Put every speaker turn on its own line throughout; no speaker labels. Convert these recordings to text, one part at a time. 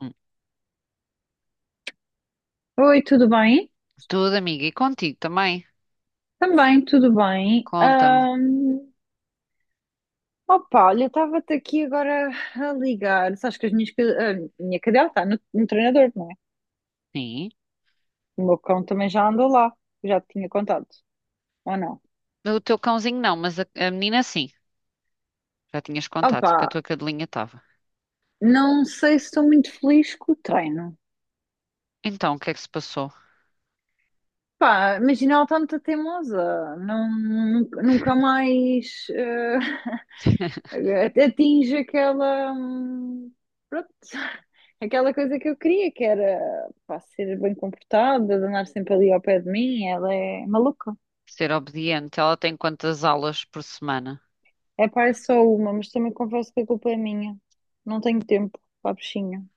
Hum,
Oi, tudo bem?
Tudo, amiga. E contigo também?
Também, tudo bem.
Conta-me.
Opa, olha, estava-te aqui agora a ligar. Sabes que a minha cadela está no treinador, não é?
Sim.
O meu cão também já andou lá. Já te tinha contado, ou não?
O teu cãozinho não, mas a menina sim. Já tinhas contado que a
Opa,
tua cadelinha estava.
não sei se estou muito feliz com o treino.
Então, o que é que se passou?
Pá, imagina, ela está muito teimosa. Não, nunca nunca mais. Até atinge aquela, pronto, aquela coisa que eu queria, que era, pá, ser bem comportada, de andar sempre ali ao pé de mim. Ela é maluca.
Ser obediente. Ela tem quantas aulas por semana?
É pá, é só uma, mas também confesso que a culpa é minha. Não tenho tempo para a bichinha.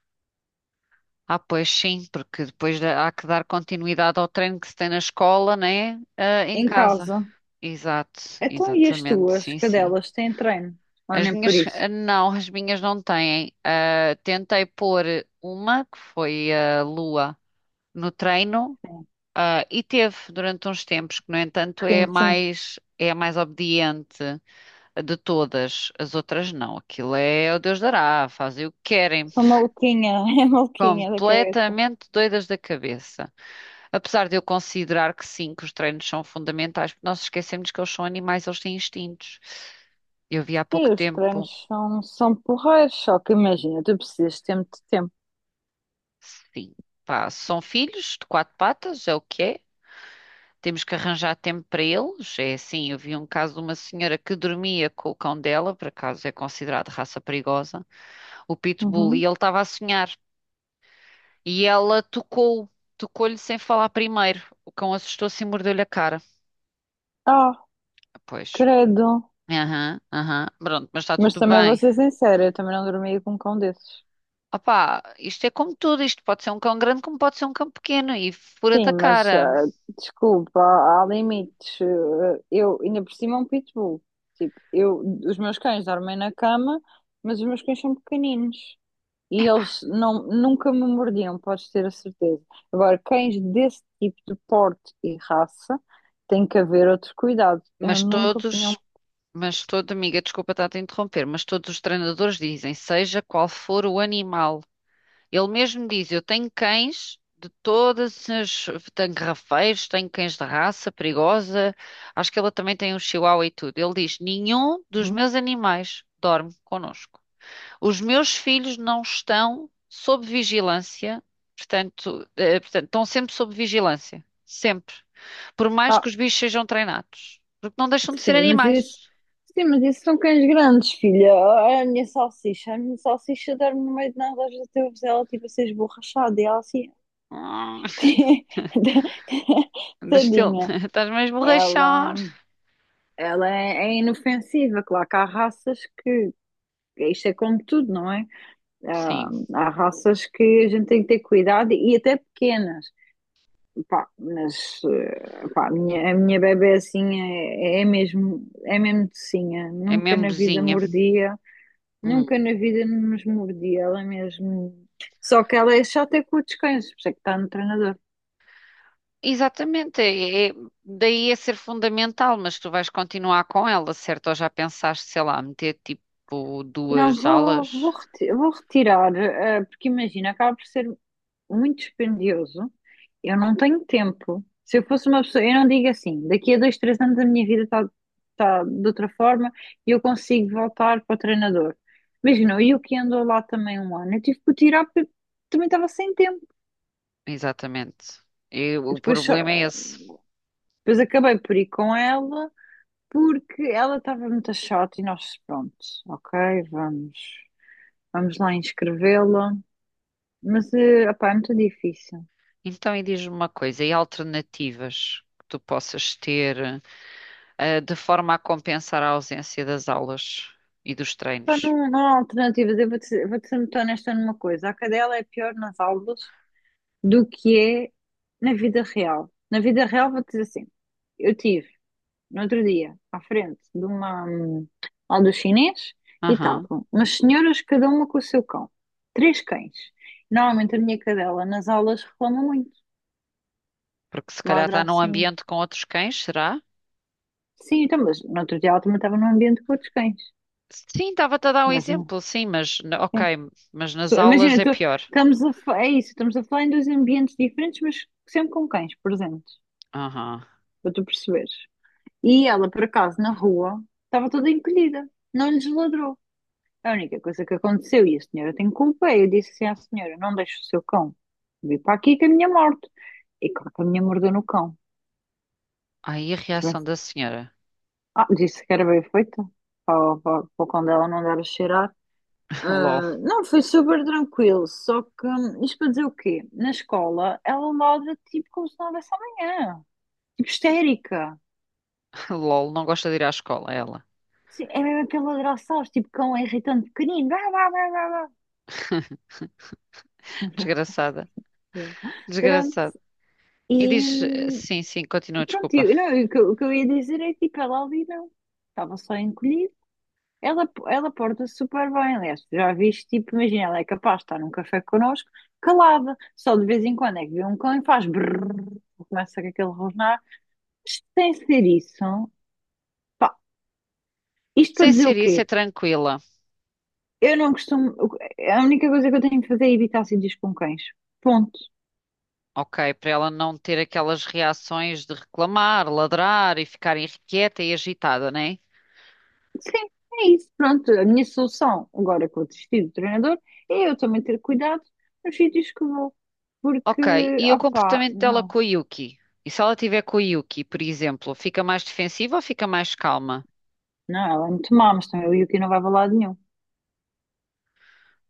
Ah, pois sim, porque depois há que dar continuidade ao treino que se tem na escola, né? Ah, em
Em
casa.
casa.
Exato,
Então, e as
exatamente.
tuas
Sim, sim.
cadelas têm treino? Ou
As
nem por
minhas,
isso?
ah, não, as minhas não têm. Ah, tentei pôr uma, que foi a Lua, no treino. Ah, e teve durante uns tempos que, no entanto, é a
Sim, sim.
mais, é a mais obediente de todas. As outras não. Aquilo é o Deus dará, fazem o que querem.
Sou maluquinha, é maluquinha da cabeça.
Completamente doidas da cabeça. Apesar de eu considerar que sim, que os treinos são fundamentais, porque nós esquecemos que eles são animais, eles têm instintos. Eu vi há
Sim,
pouco
os
tempo,
treinos são, porreiros, só que imagina, tu precisas de tempo.
sim, pá, são filhos de quatro patas, é o que é. Temos que arranjar tempo para eles. É assim, eu vi um caso de uma senhora que dormia com o cão dela, por acaso é considerado raça perigosa, o Pitbull, e
Uhum.
ele estava a sonhar. E ela tocou-lhe sem falar primeiro. O cão assustou-se e mordeu-lhe a cara. Pois.
Credo.
Aham, aham. Pronto, mas está
Mas
tudo
também vou
bem.
ser sincera, eu também não dormia com um cão desses.
Opá, isto é como tudo, isto pode ser um cão grande como pode ser um cão pequeno e fura-te
Sim,
a
mas
cara.
desculpa, há limites. Ah, eu ainda por cima é um pitbull. Tipo, os meus cães dormem na cama, mas os meus cães são pequeninos. E eles não, nunca me mordiam, podes ter a certeza. Agora, cães desse tipo de porte e raça, tem que haver outro cuidado. Eu
Mas
nunca punha um.
todos, Amiga, desculpa estar a te interromper, mas todos os treinadores dizem, seja qual for o animal. Ele mesmo diz: Eu tenho cães de todas as. Tenho rafeiros, tenho cães de raça perigosa. Acho que ele também tem um chihuahua e tudo. Ele diz: Nenhum dos
Uhum.
meus animais dorme connosco. Os meus filhos não estão sob vigilância, portanto, estão sempre sob vigilância. Sempre. Por mais que os bichos sejam treinados. Porque não deixam de ser
Sim, mas isso,
animais.
sim, mas isso são cães grandes, filha. Olha, a minha salsicha dorme no meio de nada. Às vezes eu vejo ela tipo a ser esborrachada, e ela assim,
Hum, do
tadinha.
estás mesmo a
Ela,
rachar.
ela é, inofensiva. Claro que há raças que, isto é como tudo, não é?
Sim,
Há raças que a gente tem que ter cuidado, e até pequenas. Pá, mas pá, a minha bebé assim é, é mesmo docinha,
é
nunca
mesmo
na vida
bozinha.
mordia. Nunca
Hum.
na vida nos mordi, ela mesmo. Só que ela é chata com os descansos, por isso é que está no treinador.
Exatamente, daí é ser fundamental, mas tu vais continuar com ela, certo? Ou já pensaste, sei lá, meter tipo
Não,
duas
vou
alas?
vou retirar, porque imagina, acaba por ser muito dispendioso. Eu não tenho tempo. Se eu fosse uma pessoa, eu não digo assim, daqui a dois, três anos a minha vida está tá de outra forma e eu consigo voltar para o treinador. Imagina, eu que ando lá também um ano, eu tive que o tirar porque também estava sem tempo.
Exatamente. E o
Depois,
problema é esse.
depois acabei por ir com ela porque ela estava muito chata, e nós, pronto, ok, vamos, vamos lá inscrevê-la. Mas, eh, opá, é muito difícil.
Então, e diz-me uma coisa, e alternativas que tu possas ter, de forma a compensar a ausência das aulas e dos
Opá,
treinos?
não, não há alternativas. Eu vou ser muito honesta numa coisa. A cadela é pior nas aulas do que é na vida real. Na vida real, vou-te dizer assim. Eu tive, no outro dia, à frente de uma aula do chinês, e
Aham.
estavam umas senhoras, cada uma com o seu cão. Três cães. Normalmente a minha cadela nas aulas reclama muito.
Porque se calhar está
Ladra
num
assim.
ambiente com outros cães, será?
Sim, então, mas no outro dia ela também estava num ambiente com outros cães.
Sim, estava-te a dar um
Mas não.
exemplo, sim, mas
Sim.
ok, mas nas aulas
Imagina,
é pior.
estamos a, é isso, estamos a falar em dois ambientes diferentes, mas sempre com cães presentes,
Aham.
para tu perceberes. E ela, por acaso, na rua, estava toda encolhida, não lhes ladrou. A única coisa que aconteceu, e a senhora tem culpa, é eu disse assim à senhora: não deixe o seu cão vir para aqui que a minha morte. E claro que a minha mordeu no cão.
Ai, a
Se
reação
tivesse-
da senhora.
Ah, disse que era bem feito, para o cão dela não dar a cheirar.
LOL.
Ah, não, foi super tranquilo, só que isto para dizer o quê? Na escola ela ladra tipo como se não houvesse amanhã, tipo histérica.
LOL, não gosta de ir à escola, é ela.
Sim, é mesmo aquele ladrar, sabes, tipo cão é irritante pequenino. Blá, blá, blá, blá, blá.
Desgraçada,
Yeah. Pronto.
desgraçada. E
E
diz, sim, sim, continua,
pronto,
desculpa.
não, o que eu ia dizer é que tipo, ela ali não, estava só encolhida. Ela porta-se super bem. Aliás, tu já viste, tipo, imagina, ela é capaz de estar num café connosco, calada, só de vez em quando é que vê um cão e faz brrr, começa com aquele rosnar. Sem ser isso, pá, isto para
Sem
dizer o
ser isso, é
quê?
tranquila.
Eu não costumo. A única coisa que eu tenho de fazer é evitar acidez com cães. Ponto.
Ok, para ela não ter aquelas reações de reclamar, ladrar e ficar irrequieta e agitada, né?
Sim, é isso. Pronto, a minha solução, agora que eu desisti do treinador, é eu também ter cuidado nos sítios que vou. Porque,
Ok, e o
opá,
comportamento dela
não.
com a Yuki? E se ela tiver com a Yuki, por exemplo, fica mais defensiva ou fica mais calma?
Não, ela é muito má, mas também o Yuki não vai para lado nenhum.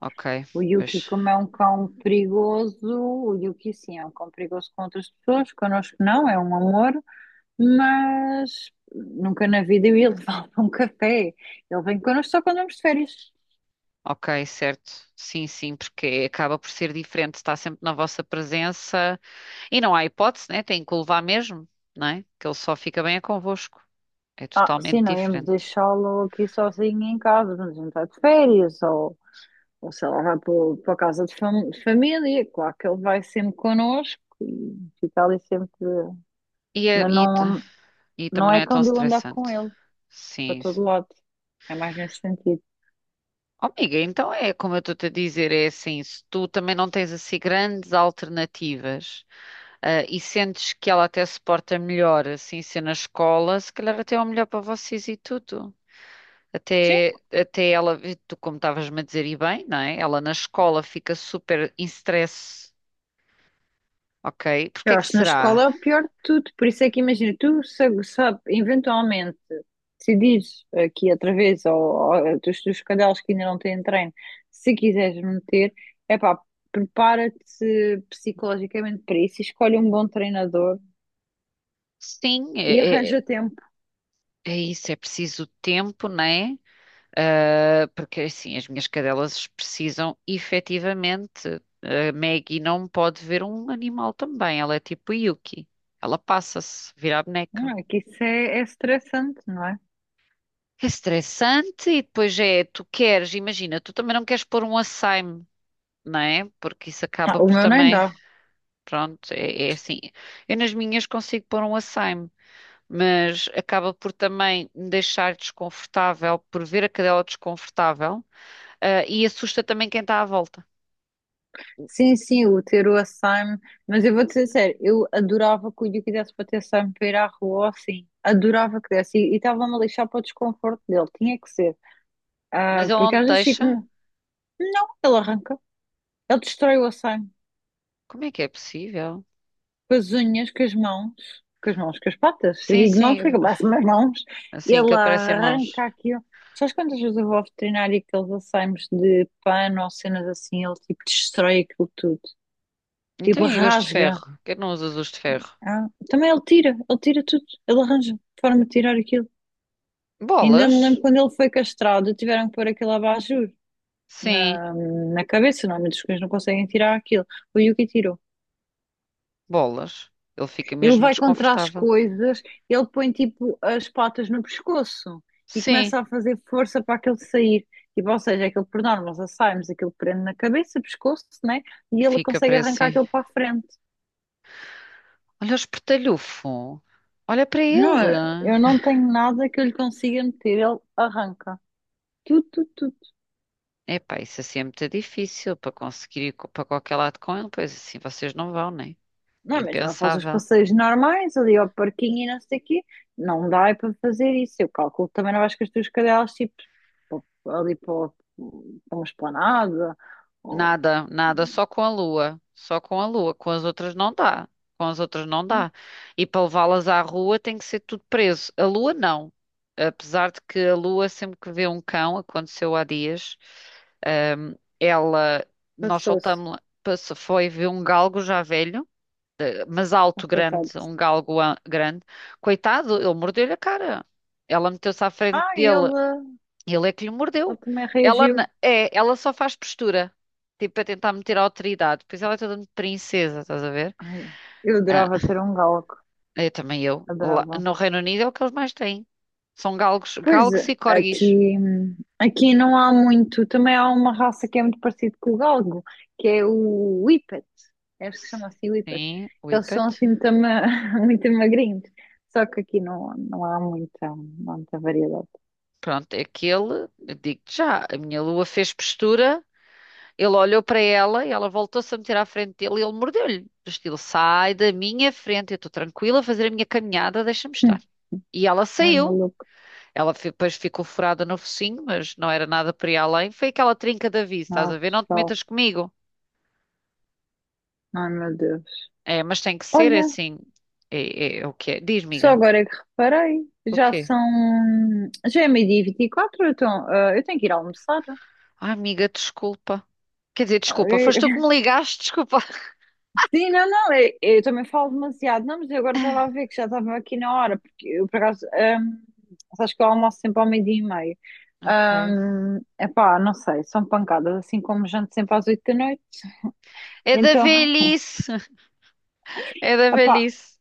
Ok,
O Yuki,
pois.
como é um cão perigoso, o Yuki sim, é um cão perigoso com outras pessoas, connosco não, é um amor. Mas nunca na vida eu ia levá-lo para um café. Ele vem connosco só quando vamos de férias.
Ok, certo. Sim, sim, porque acaba por ser diferente, está sempre na vossa presença e não há hipótese, né? Tem que o levar mesmo, não é? Que ele só fica bem é convosco. É
Ah, sim,
totalmente
não íamos
diferente.
deixá-lo aqui sozinho em casa, quando a gente vai de férias, ou sei lá, vai para, para a casa de, de família. Claro que ele vai sempre connosco e fica ali sempre,
E, é-
mas
e, t-
não,
e também
não
não
é
é tão
quando eu andar com
estressante.
ele, para
Sim.
todo
Sim.
lado. É mais nesse sentido.
Oh, amiga, então é como eu estou-te a dizer, é assim, se tu também não tens assim grandes alternativas, ah, e sentes que ela até se porta melhor assim ser na escola, se calhar até é o melhor para vocês e tudo.
Sim.
Até ela, tu como estavas-me a dizer, e bem, não é? Ela na escola fica super em stress, ok? Porque
Eu
é que
acho que na
será?
escola é o pior de tudo, por isso é que imagina, tu sabe, sabe eventualmente decidires aqui outra vez, ou dos teus cadelos que ainda não têm treino, se quiseres meter, é pá, prepara-te psicologicamente para isso, e escolhe um bom treinador
Sim,
e arranja tempo.
é isso, é preciso tempo, não é? Ah, porque assim, as minhas cadelas precisam efetivamente. A Maggie não pode ver um animal também, ela é tipo Yuki. Ela passa-se, vira a boneca.
Não é que isso é é estressante, não é?
É estressante e depois é, tu queres, imagina, tu também não queres pôr um açaime, não é? Porque isso
Ah,
acaba
o
por
meu nem
também.
dá.
Pronto, é assim. Eu nas minhas consigo pôr um açaime, mas acaba por também me deixar desconfortável por ver a cadela desconfortável, ah, e assusta também quem está à volta.
Sim, sim, o ter o Açaime, mas eu vou-te ser sério, eu adorava que o Yuki desse para ter Açaime para ir à rua, ou assim, adorava que desse, e estava-me a lixar para o desconforto dele, tinha que ser.
Mas
Ah,
ele
porque
não te
às vezes fico,
deixa?
não, ele arranca, ele destrói o Açaime,
Como é que é possível?
com as unhas, com as mãos, com as patas. Eu
Sim,
digo mãos,
sim,
porque é que eu passo as mãos.
assim que
Ele
ele parece em mãos.
arranca aquilo. Sabes quantas vezes eu vou ao veterinário, e aqueles Açaimes de pano ou cenas assim, ele tipo destrói aquilo tudo,
Então
tipo
e gosto de
rasga.
ferro? Por que não usas os de ferro?
Ah, também ele tira tudo, ele arranja forma de tirar aquilo. Ainda me lembro
Bolas?
quando ele foi castrado, tiveram que pôr aquele abajur
Sim,
na cabeça. Normalmente os cães não conseguem tirar aquilo. O Yuki tirou.
bolas. Ele fica
Ele
mesmo
vai contra as
desconfortável.
coisas, ele põe tipo as patas no pescoço e
Sim,
começa a fazer força para aquele sair. Tipo, ou seja, aquilo por norma, nós saímos, aquilo prende na cabeça, pescoço, né? E ele
fica
consegue
preso,
arrancar
sim.
aquilo para a frente.
Olha o espertalhufo. Olha para
Não,
ele.
eu não tenho nada que eu lhe consiga meter, ele arranca. Tudo, tudo, tudo.
Epá, isso assim é muito difícil para conseguir ir para qualquer lado com ele, pois assim vocês não vão, né? É
Não, mas não faz os
impensável.
passeios normais ali ao parquinho e não sei o quê. Não dá é para fazer isso. Eu calculo que também não vais com as tuas cadelas tipo pa- ali para, para uma esplanada. Ou...
Nada, nada, só com a Lua. Só com a Lua. Com as outras não dá. Com as outras não dá. E para levá-las à rua tem que ser tudo preso. A Lua não. Apesar de que a Lua, sempre que vê um cão, aconteceu há dias, ela, nós
Passou-se.
soltámos-la, foi ver um galgo já velho. Mas
Ah,
alto,
coitado.
grande, um galgo grande. Coitado, ele mordeu-lhe a cara. Ela meteu-se à frente
Ah, ele,
dele, ele é que lhe
ele
mordeu.
também
Ela
reagiu.
na- é, ela só faz postura, tipo para tentar meter a autoridade. Pois ela é toda de princesa, estás a ver?
Ai, eu
Ah,
adorava ter um galgo.
eu também eu. Lá-
Adorava.
no Reino Unido é o que eles mais têm. São galgos,
Pois,
galgos e corgis.
aqui, aqui não há muito. Também há uma raça que é muito parecida com o galgo, que é o Whippet. É, acho que chama assim Whippet.
Sim,
Eles são
whippet.
assim muito, muito magrinhos. Só que aqui não, não há muita, variedade.
Pronto, é aquele, eu digo-te já, a minha Lua fez postura. Ele olhou para ela e ela voltou-se a meter à frente dele e ele mordeu-lhe. Do estilo, sai da minha frente, eu estou tranquila a fazer a minha caminhada, deixa-me estar. E ela
Ai,
saiu.
maluco.
Depois ficou furada no focinho, mas não era nada para ir além. Foi aquela trinca de aviso, estás a
Nossa,
ver? Não te
só.
metas comigo.
Ai, meu Deus.
É, mas tem que ser é
Olha,
assim. É, é o que é? Diz,
só
amiga.
agora é que reparei.
O
Já
quê?
são. Já é 12:24. Então, ah, eu tenho que ir almoçar.
Ai, amiga, desculpa. Quer dizer, desculpa, foste tu que me ligaste, desculpa.
Sim, não, não, eu também falo demasiado. Não, mas eu agora estava a ver que já estava aqui na hora, porque eu, por acaso, sabes que eu almoço sempre ao 12:30.
Ok.
Epá, não sei, são pancadas, assim como janto sempre às 8 da noite.
É da
Então,
velhice. É da
epá,
velhice.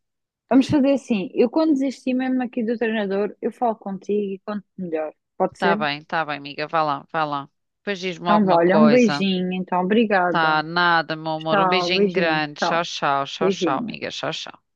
vamos fazer assim. Eu quando desisti mesmo aqui do treinador, eu falo contigo e conto melhor. Pode ser?
Tá bem, amiga. Vá lá, vá lá. Depois diz-me
Então, vá,
alguma
olha, um
coisa.
beijinho, então,
Tá,
obrigada.
nada, meu amor. Um
Tchau,
beijinho
beijinho,
grande. Tchau,
tchau,
tchau, tchau, tchau,
beijinho.
amiga. Tchau, tchau.